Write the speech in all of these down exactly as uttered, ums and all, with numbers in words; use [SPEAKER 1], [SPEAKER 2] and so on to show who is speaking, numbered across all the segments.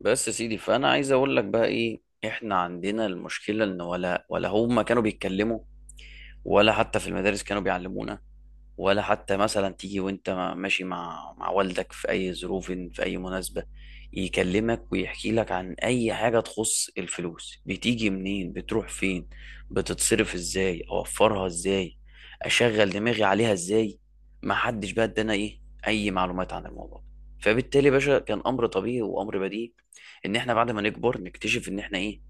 [SPEAKER 1] بس يا سيدي فانا عايز اقول لك بقى ايه احنا عندنا المشكله ان ولا ولا هم كانوا بيتكلموا، ولا حتى في المدارس كانوا بيعلمونا، ولا حتى مثلا تيجي وانت ماشي مع مع والدك في اي ظروف في اي مناسبة يكلمك ويحكي لك عن اي حاجة تخص الفلوس، بتيجي منين؟ بتروح فين؟ بتتصرف ازاي؟ اوفرها ازاي؟ اشغل دماغي عليها ازاي؟ ما حدش بقى ادانا ايه اي معلومات عن الموضوع. فبالتالي يا باشا كان امر طبيعي وامر بديهي ان احنا بعد ما نكبر نكتشف ان احنا ايه،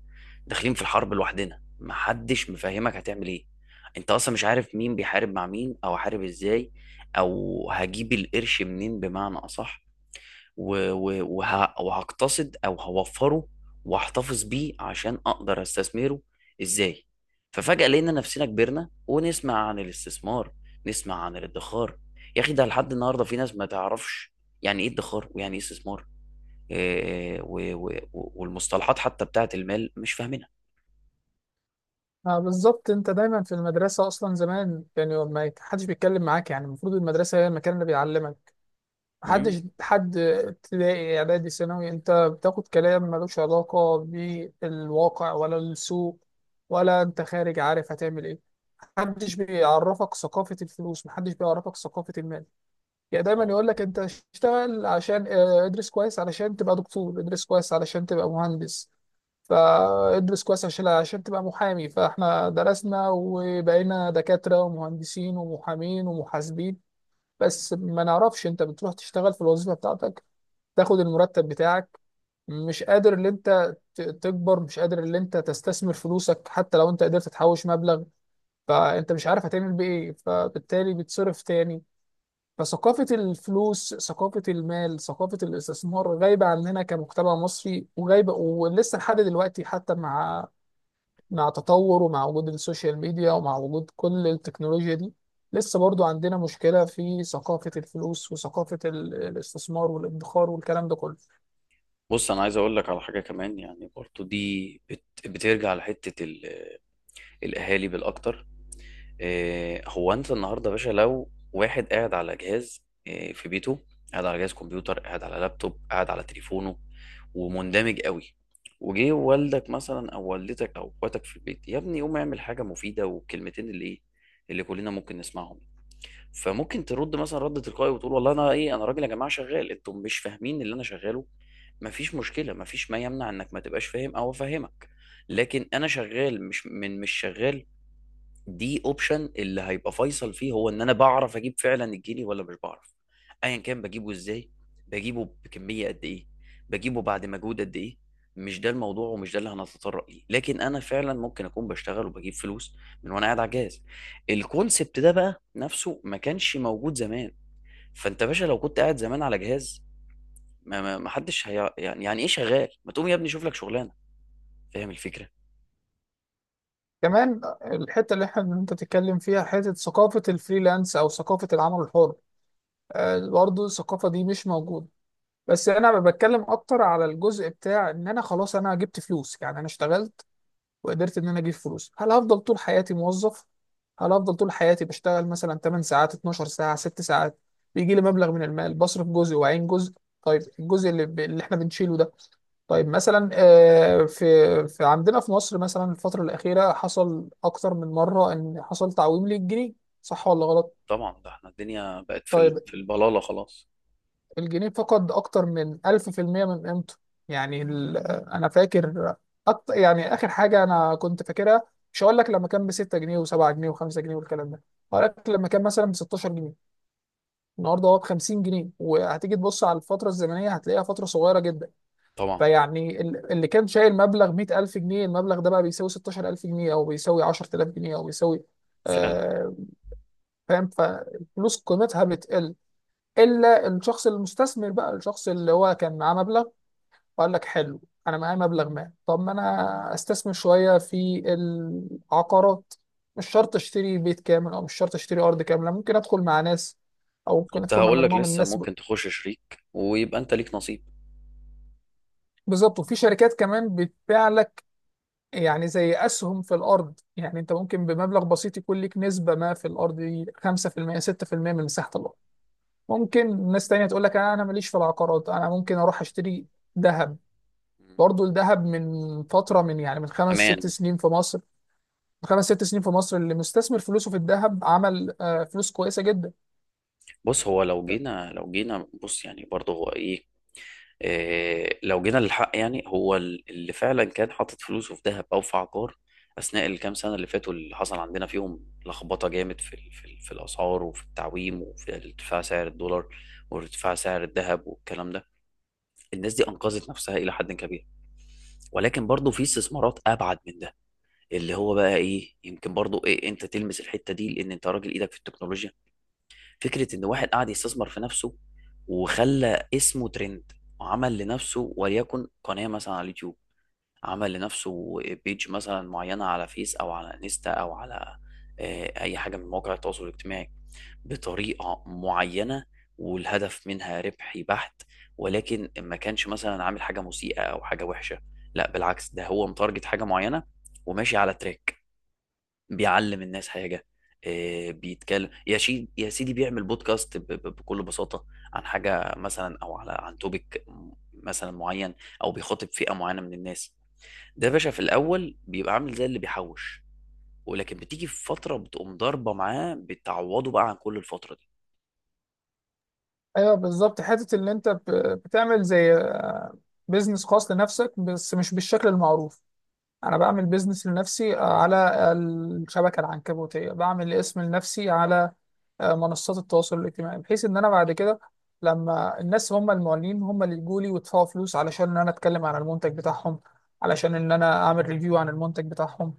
[SPEAKER 1] داخلين في الحرب لوحدنا، ما حدش مفهمك هتعمل ايه، انت اصلا مش عارف مين بيحارب مع مين، او هحارب ازاي، او هجيب القرش منين، بمعنى اصح و- و- وه- وهقتصد او هوفره واحتفظ بيه عشان اقدر استثمره ازاي. ففجأة لقينا نفسنا كبرنا ونسمع عن الاستثمار، نسمع عن الادخار. يا اخي ده لحد النهارده في ناس ما تعرفش يعني ايه ادخار ويعني ايه استثمار. إيه- و- و- والمصطلحات حتى بتاعت المال مش فاهمينها.
[SPEAKER 2] آه، بالظبط. انت دايما في المدرسه اصلا زمان، يعني ما حدش بيتكلم معاك، يعني المفروض المدرسه هي المكان اللي بيعلمك.
[SPEAKER 1] إمم.
[SPEAKER 2] محدش، حد ابتدائي اعدادي ثانوي انت بتاخد كلام ملوش علاقه بالواقع ولا السوق، ولا انت خارج عارف هتعمل ايه. محدش بيعرفك ثقافة الفلوس، محدش بيعرفك ثقافة المال. يعني دايما يقول لك انت اشتغل عشان اه، ادرس كويس علشان تبقى دكتور، ادرس كويس علشان تبقى مهندس، فادرس كويس عشان عشان تبقى محامي. فاحنا درسنا وبقينا دكاترة ومهندسين ومحامين ومحاسبين، بس ما نعرفش. انت بتروح تشتغل في الوظيفة بتاعتك، تاخد المرتب بتاعك، مش قادر ان انت ت- تكبر، مش قادر ان انت تستثمر فلوسك. حتى لو انت قدرت تحوش مبلغ، فانت مش عارف هتعمل بيه ايه، فبالتالي بتصرف تاني. فثقافة الفلوس، ثقافة المال، ثقافة الاستثمار غايبة عننا كمجتمع مصري، وغايبة ولسه لحد دلوقتي، حتى مع مع تطور، ومع وجود السوشيال ميديا، ومع وجود كل التكنولوجيا دي، لسه برضو عندنا مشكلة في ثقافة الفلوس وثقافة ال- الاستثمار والادخار والكلام ده كله.
[SPEAKER 1] بص انا عايز اقول لك على حاجه كمان، يعني برضو دي بت... بترجع لحته ال... الاهالي بالاكتر. إيه هو انت النهارده يا باشا لو واحد قاعد على جهاز إيه في بيته، قاعد على جهاز كمبيوتر، قاعد على لابتوب، قاعد على تليفونه ومندمج قوي، وجه والدك مثلا او والدتك او اخواتك في البيت: يا ابني قوم اعمل حاجه مفيده، والكلمتين اللي ايه اللي كلنا ممكن نسمعهم. فممكن ترد مثلا رد تلقائي وتقول: والله انا ايه، انا راجل يا جماعه شغال، انتم مش فاهمين اللي انا شغاله. مفيش مشكله، مفيش ما يمنع انك ما تبقاش فاهم او افهمك، لكن انا شغال مش من مش شغال. دي اوبشن اللي هيبقى فيصل فيه هو ان انا بعرف اجيب فعلا الجنيه ولا مش بعرف. ايا كان بجيبه ازاي، بجيبه بكميه قد ايه، بجيبه بعد مجهود قد ايه، مش ده الموضوع ومش ده اللي هنتطرق ليه. لكن انا فعلا ممكن اكون بشتغل وبجيب فلوس من وانا قاعد على الجهاز. الكونسبت ده بقى نفسه ما كانش موجود زمان. فانت يا باشا لو كنت قاعد زمان على جهاز، ما ما ما حدش هي يعني يعني ايه شغال؟ ما تقوم يا ابني شوف لك شغلانه. فاهم الفكره؟
[SPEAKER 2] كمان الحتة اللي احنا انت تتكلم فيها، حتة ثقافة الفريلانس او ثقافة العمل الحر. آه، برضو الثقافة دي مش موجودة. بس انا بتكلم اكتر على الجزء بتاع ان انا خلاص انا جبت فلوس، يعني انا اشتغلت وقدرت ان انا اجيب فلوس. هل هفضل طول حياتي موظف؟ هل هفضل طول حياتي بشتغل مثلا 8 ساعات، 12 ساعة، 6 ساعات، بيجي لي مبلغ من المال، بصرف جزء وعين جزء؟ طيب الجزء اللي, ب... اللي احنا بنشيله ده، طيب مثلا آه، في... في عندنا في مصر مثلا الفترة الأخيرة حصل أكتر من مرة إن حصل تعويم للجنيه. صح ولا غلط؟
[SPEAKER 1] طبعا ده احنا الدنيا بقت في ال-
[SPEAKER 2] طيب
[SPEAKER 1] في البلاله خلاص.
[SPEAKER 2] الجنيه فقد أكتر من ألف في المية من قيمته. يعني ال- أنا فاكر أكتر، يعني آخر حاجة أنا كنت فاكرها، مش هقول لك لما كان ب ستة جنيه و7 جنيه و5 جنيه والكلام ده، هقول لك لما كان مثلا ب ستاشر جنيه. النهارده هو ب خمسين جنيه، وهتيجي تبص على الفترة الزمنية هتلاقيها فترة صغيرة جدا.
[SPEAKER 1] طبعا
[SPEAKER 2] فيعني ال- اللي كان شايل مبلغ مية ألف جنيه، المبلغ ده بقى بيساوي ستاشر ألف جنيه، أو بيساوي عشر تلاف جنيه، أو بيساوي.
[SPEAKER 1] فعلا
[SPEAKER 2] آه، فاهم؟ فالفلوس قيمتها بتقل، الا الشخص المستثمر. بقى الشخص اللي هو كان معاه مبلغ وقال لك حلو، انا معايا مبلغ ما، طب ما انا استثمر شويه في العقارات. مش شرط اشتري بيت كامل، او مش شرط اشتري ارض كامله، ممكن ادخل مع ناس، او ممكن
[SPEAKER 1] كنت
[SPEAKER 2] ادخل مع
[SPEAKER 1] هقول لك
[SPEAKER 2] مجموعه من
[SPEAKER 1] لسه
[SPEAKER 2] الناس. ب-
[SPEAKER 1] ممكن تخش شريك ويبقى انت ليك نصيب.
[SPEAKER 2] بالظبط. وفي شركات كمان بتبيع لك يعني زي اسهم في الارض. يعني انت ممكن بمبلغ بسيط يكون لك نسبه ما في الارض دي خمسة في المية ستة في المية من مساحه الارض. ممكن ناس تانية تقول لك انا ماليش في العقارات، انا ممكن اروح اشتري ذهب.
[SPEAKER 1] مم.
[SPEAKER 2] برضه الذهب من فترة، من يعني من خمس ست
[SPEAKER 1] امان.
[SPEAKER 2] سنين في مصر، خمس ست سنين في مصر اللي مستثمر فلوسه في الذهب عمل آه، فلوس كويسه جدا.
[SPEAKER 1] بص هو لو جينا لو جينا بص يعني برضه هو ايه، إيه لو جينا للحق، يعني هو ال- اللي فعلا كان حاطط فلوسه في ذهب او في عقار اثناء الكام سنه اللي فاتوا، اللي حصل عندنا فيهم لخبطه جامد في ال- في ال- في الاسعار، وفي التعويم، وفي ارتفاع سعر الدولار، وارتفاع سعر الذهب والكلام ده، الناس دي انقذت نفسها الى حد كبير. ولكن برضه في استثمارات ابعد من ده، اللي هو بقى ايه، يمكن برضو إيه انت تلمس الحته دي لان انت راجل ايدك في التكنولوجيا: فكره ان واحد قاعد يستثمر في نفسه، وخلى اسمه ترند، وعمل لنفسه وليكن قناه مثلا على اليوتيوب، عمل لنفسه بيج مثلا معينه على فيس او على انستا او على آه، اي حاجه من مواقع التواصل الاجتماعي بطريقه معينه، والهدف منها ربحي بحت، ولكن ما كانش مثلا عامل حاجه مسيئه او حاجه وحشه، لا بالعكس ده هو متارجت حاجه معينه وماشي على تراك، بيعلم الناس حاجة، آه، بيتكلم، يا شي يا سيدي بيعمل بودكاست ب- ب- بكل بساطة عن حاجة مثلا أو على عن توبيك مثلا معين، أو بيخاطب فئة معينة من الناس. ده يا باشا في الأول بيبقى عامل زي اللي بيحوش، ولكن بتيجي في فترة بتقوم ضاربة معاه بتعوضه بقى عن كل الفترة دي.
[SPEAKER 2] ايوه بالظبط، حته ان انت ب- بتعمل زي آه، بيزنس خاص لنفسك، بس مش بالشكل المعروف. انا بعمل بيزنس لنفسي آه، على الشبكه العنكبوتيه، بعمل اسم لنفسي على آه، منصات التواصل الاجتماعي، بحيث ان انا بعد كده لما الناس، هم المعلنين، هم اللي يجوا لي ويدفعوا فلوس علشان ان انا اتكلم عن المنتج بتاعهم، علشان ان انا اعمل ريفيو عن المنتج بتاعهم.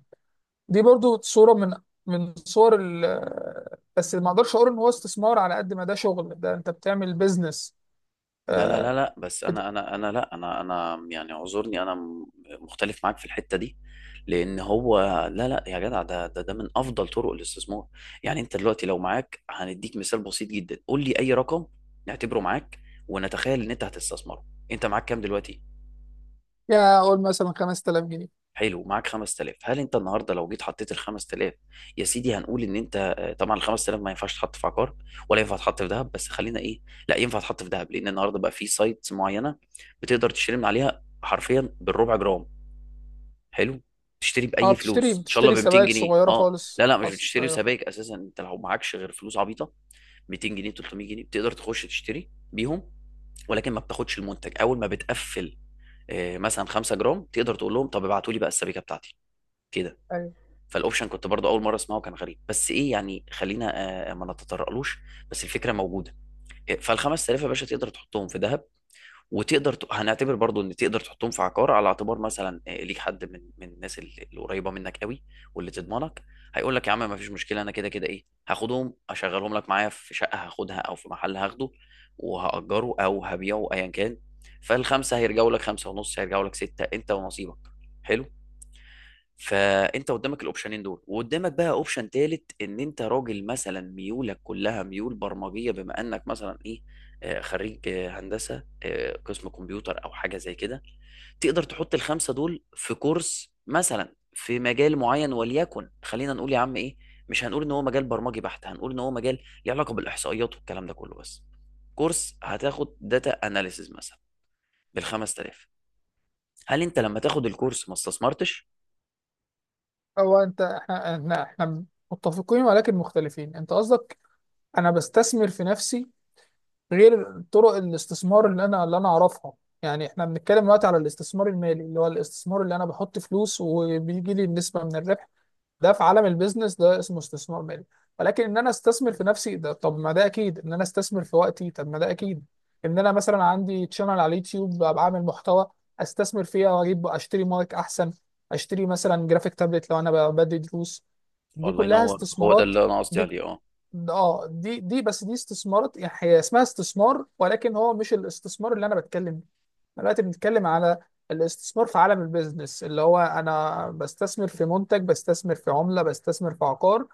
[SPEAKER 2] دي برضو صورة من من صور. ال بس ما اقدرش اقول ان هو استثمار، على قد ما ده شغل، ده انت بتعمل بيزنس.
[SPEAKER 1] لا لا لا لا، بس
[SPEAKER 2] بت...
[SPEAKER 1] انا انا انا لا انا انا يعني اعذرني، انا م- مختلف معاك في الحته دي، لان هو لا لا يا جدع ده ده ده من افضل طرق الاستثمار. يعني انت دلوقتي لو معاك هنديك مثال بسيط جدا، قول لي اي رقم نعتبره معاك ونتخيل ان انت هتستثمره. انت معاك كام دلوقتي؟
[SPEAKER 2] يا اقول مثلا خمس تلاف جنيه.
[SPEAKER 1] حلو، ومعاك خمس آلاف. هل انت النهارده لو جيت حطيت ال خمس آلاف يا سيدي، هنقول ان انت آه، طبعا ال خمسة آلاف ما ينفعش تحط في عقار، ولا ينفع تحط في ذهب، بس خلينا ايه، لا ينفع تحط في ذهب لان النهارده بقى في سايتس معينه بتقدر تشتري من عليها حرفيا بالربع جرام. حلو، تشتري
[SPEAKER 2] اه،
[SPEAKER 1] باي
[SPEAKER 2] بتشتري
[SPEAKER 1] فلوس ان شاء الله
[SPEAKER 2] بتشتري
[SPEAKER 1] ب 200
[SPEAKER 2] سبائك
[SPEAKER 1] جنيه
[SPEAKER 2] صغيرة
[SPEAKER 1] اه
[SPEAKER 2] خالص.
[SPEAKER 1] لا لا مش
[SPEAKER 2] حص...
[SPEAKER 1] بتشتري
[SPEAKER 2] ايوه. ف-
[SPEAKER 1] سبائك اساسا انت لو معكش غير فلوس عبيطه، ميتين جنيه ثلاث مية جنيه بتقدر تخش تشتري بيهم، ولكن ما بتاخدش المنتج اول ما بتقفل آه، مثلا 5 جرام تقدر تقول لهم: طب ابعتوا لي بقى السبيكه بتاعتي كده.
[SPEAKER 2] ايوه،
[SPEAKER 1] فالاوبشن كنت برضو اول مره اسمعه كان غريب، بس ايه يعني خلينا آه، ما نتطرقلوش، بس الفكره موجوده. فال خمس آلاف يا باشا تقدر تحطهم في ذهب، وتقدر ت... هنعتبر برضو ان تقدر تحطهم في عقار، على اعتبار مثلا آه، ليك حد من من الناس اللي اللي قريبه منك قوي واللي تضمنك، هيقول لك يا عم ما فيش مشكله، انا كده كده ايه هاخدهم اشغلهم لك معايا في شقه هاخدها او في محل هاخده وهاجره او هبيعه ايا كان، فالخمسه هيرجعوا لك خمسه ونص، هيرجعوا لك سته، انت ونصيبك. حلو، فانت قدامك الاوبشنين دول، وقدامك بقى اوبشن تالت، ان انت راجل مثلا ميولك كلها ميول برمجيه، بما انك مثلا ايه، آه، خريج آه، هندسه آه، قسم كمبيوتر او حاجه زي كده، تقدر تحط الخمسه دول في كورس مثلا في مجال معين، وليكن خلينا نقول يا عم ايه، مش هنقول ان هو مجال برمجي بحت، هنقول ان هو مجال ليه علاقه بالاحصائيات والكلام ده كله، بس كورس هتاخد داتا اناليسز مثلا بال خمس آلاف. هل انت لما تاخد الكورس ما استثمرتش؟
[SPEAKER 2] هو انت احنا احنا احنا متفقين ولكن مختلفين. انت قصدك انا بستثمر في نفسي غير طرق الاستثمار اللي انا اللي انا اعرفها. يعني احنا بنتكلم دلوقتي على الاستثمار المالي، اللي هو الاستثمار اللي انا بحط فلوس وبيجي لي نسبة من الربح. ده في عالم البيزنس ده اسمه استثمار مالي. ولكن ان انا استثمر في نفسي، ده طب ما ده اكيد، ان انا استثمر في وقتي، طب ما ده اكيد. ان انا مثلا عندي تشانل على اليوتيوب بقى بعمل محتوى، استثمر فيها واجيب اشتري مايك احسن، اشتري مثلا جرافيك تابلت لو انا ب- بدي دروس. دي
[SPEAKER 1] الله
[SPEAKER 2] كلها
[SPEAKER 1] ينور، هو ده
[SPEAKER 2] استثمارات.
[SPEAKER 1] اللي انا قصدي
[SPEAKER 2] دي
[SPEAKER 1] عليه اه.
[SPEAKER 2] اه دي دي بس دي استثمارات، يعني هي اسمها استثمار، ولكن هو مش الاستثمار اللي انا بتكلم. دلوقتي بنتكلم على الاستثمار في عالم البيزنس، اللي هو انا بستثمر في منتج، بستثمر في عملة، بستثمر في عقار،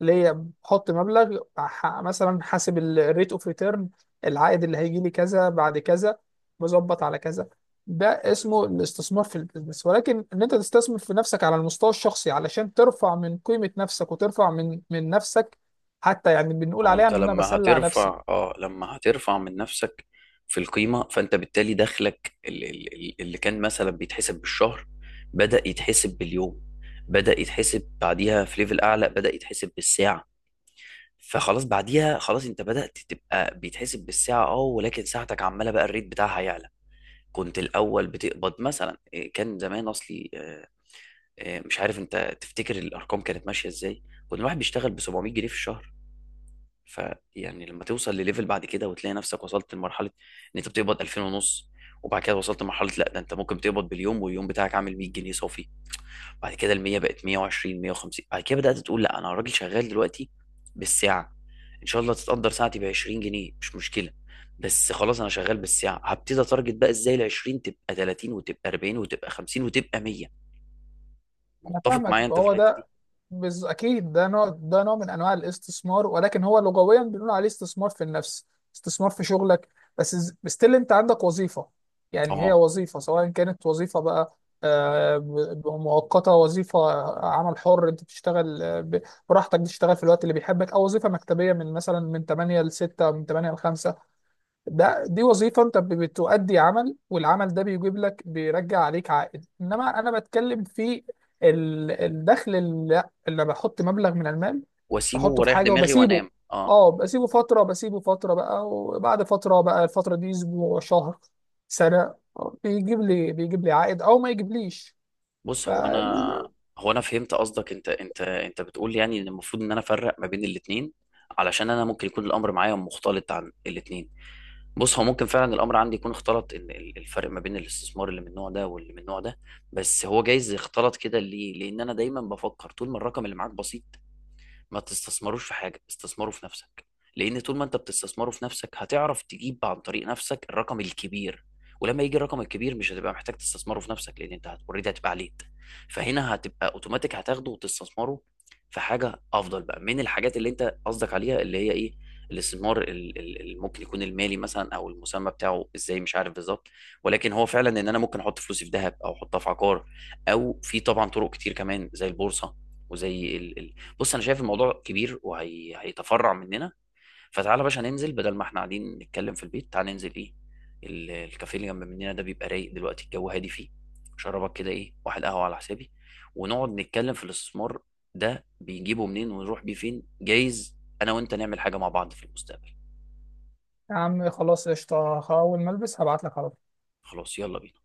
[SPEAKER 2] ليا بحط مبلغ ح- مثلا. حاسب الريت اوف ريتيرن، العائد اللي هيجي لي كذا بعد كذا، مظبط على كذا. ده اسمه الاستثمار في البيزنس. ولكن ان انت تستثمر في نفسك على المستوى الشخصي علشان ترفع من قيمة نفسك، وترفع من من نفسك، حتى يعني بنقول
[SPEAKER 1] هو
[SPEAKER 2] عليها
[SPEAKER 1] انت
[SPEAKER 2] ان انا
[SPEAKER 1] لما
[SPEAKER 2] بسلع نفسي.
[SPEAKER 1] هترفع اه لما هترفع من نفسك في القيمه، فانت بالتالي دخلك ال- ال- ال- اللي كان مثلا بيتحسب بالشهر بدا يتحسب باليوم، بدا يتحسب بعديها في ليفل اعلى بدا يتحسب بالساعه، فخلاص بعديها خلاص انت بدات تبقى بيتحسب بالساعه اه، ولكن ساعتك عماله بقى الريت بتاعها يعلى. كنت الاول بتقبض مثلا إيه، كان زمان اصلي آه، آه، مش عارف انت تفتكر الارقام كانت ماشيه ازاي، كنت الواحد بيشتغل ب سبعة مية جنيه في الشهر. فيعني لما توصل لليفل بعد كده وتلاقي نفسك وصلت لمرحله ان انت بتقبض ألفين ونص، وبعد كده وصلت لمرحله لا ده انت ممكن تقبض باليوم واليوم بتاعك عامل مية جنيه صافي، بعد كده ال مية بقت مية وعشرين مية وخمسين، بعد كده بدات تقول لا انا راجل شغال دلوقتي بالساعه، ان شاء الله تتقدر ساعتي ب عشرين جنيه مش مشكله، بس خلاص انا شغال بالساعه، هبتدي اتارجت بقى ازاي ال عشرين تبقى تلاتين وتبقى أربعين وتبقى خمسين وتبقى مية.
[SPEAKER 2] انا
[SPEAKER 1] متفق
[SPEAKER 2] فاهمك،
[SPEAKER 1] معايا انت في
[SPEAKER 2] فهو
[SPEAKER 1] الحته دي؟
[SPEAKER 2] ده. بز... اكيد ده نوع، ده نوع من انواع الاستثمار، ولكن هو لغويا بنقول عليه استثمار في النفس، استثمار في شغلك بس. ستيل انت عندك وظيفة، يعني هي
[SPEAKER 1] اه
[SPEAKER 2] وظيفة، سواء كانت وظيفة بقى آه، ب- ب- مؤقتة، وظيفة آه، عمل حر انت بتشتغل آه، ب- براحتك، بتشتغل في الوقت اللي بيحبك، او وظيفة مكتبية من مثلا من تمانية ل ستة او من تمانية ل خمسة. ده دي وظيفة انت ب- بتؤدي عمل، والعمل ده بيجيب لك، بيرجع عليك عائد. انما انا بتكلم في ال- الدخل اللي, اللي بحط مبلغ من المال،
[SPEAKER 1] واسيبه
[SPEAKER 2] بحطه في
[SPEAKER 1] واريح
[SPEAKER 2] حاجة
[SPEAKER 1] دماغي
[SPEAKER 2] وبسيبه.
[SPEAKER 1] وانام اه.
[SPEAKER 2] اه، بسيبه فترة، بسيبه فترة بقى، وبعد فترة بقى الفترة دي اسبوع، شهر، سنة، بيجيب لي بيجيب لي عائد او ما يجيبليش. ف
[SPEAKER 1] بص هو انا، هو انا فهمت قصدك، انت انت انت بتقول يعني ان المفروض ان انا افرق ما بين الاثنين، علشان انا ممكن يكون الامر معايا مختلط عن الاثنين. بص هو ممكن فعلا الامر عندي يكون اختلط، ان ال- الفرق ما بين الاستثمار اللي من النوع ده واللي من النوع ده، بس هو جايز يختلط كده ليه، لان انا دايما بفكر طول ما الرقم اللي معاك بسيط، ما تستثمروش في حاجة، استثمروا في نفسك. لأن طول ما أنت بتستثمره في نفسك هتعرف تجيب عن طريق نفسك الرقم الكبير، ولما يجي الرقم الكبير مش هتبقى محتاج تستثمره في نفسك، لأن أنت اوريدي هتبقى عليت، فهنا هتبقى أوتوماتيك هتاخده وتستثمره في حاجة أفضل بقى من الحاجات اللي أنت قصدك عليها، اللي هي إيه، الاستثمار ال- ال- اللي ممكن يكون المالي مثلا، او المسمى بتاعه ازاي مش عارف بالظبط، ولكن هو فعلا ان انا ممكن احط فلوسي في ذهب او احطها في عقار، او في طبعا طرق كتير كمان زي البورصه وزي ال- بص انا شايف الموضوع كبير وهيتفرع مننا، فتعالى يا باشا ننزل بدل ما احنا قاعدين نتكلم في البيت، تعالى ننزل ايه، ال- الكافيه اللي جنب مننا ده بيبقى رايق دلوقتي، الجو هادي فيه، شربك كده ايه، واحد قهوه على حسابي، ونقعد نتكلم في الاستثمار ده بيجيبه منين ونروح بيه فين، جايز انا وانت نعمل حاجه مع بعض في المستقبل.
[SPEAKER 2] يا عم خلاص قشطة، اول ما البس هبعت لك على
[SPEAKER 1] خلاص يلا بينا.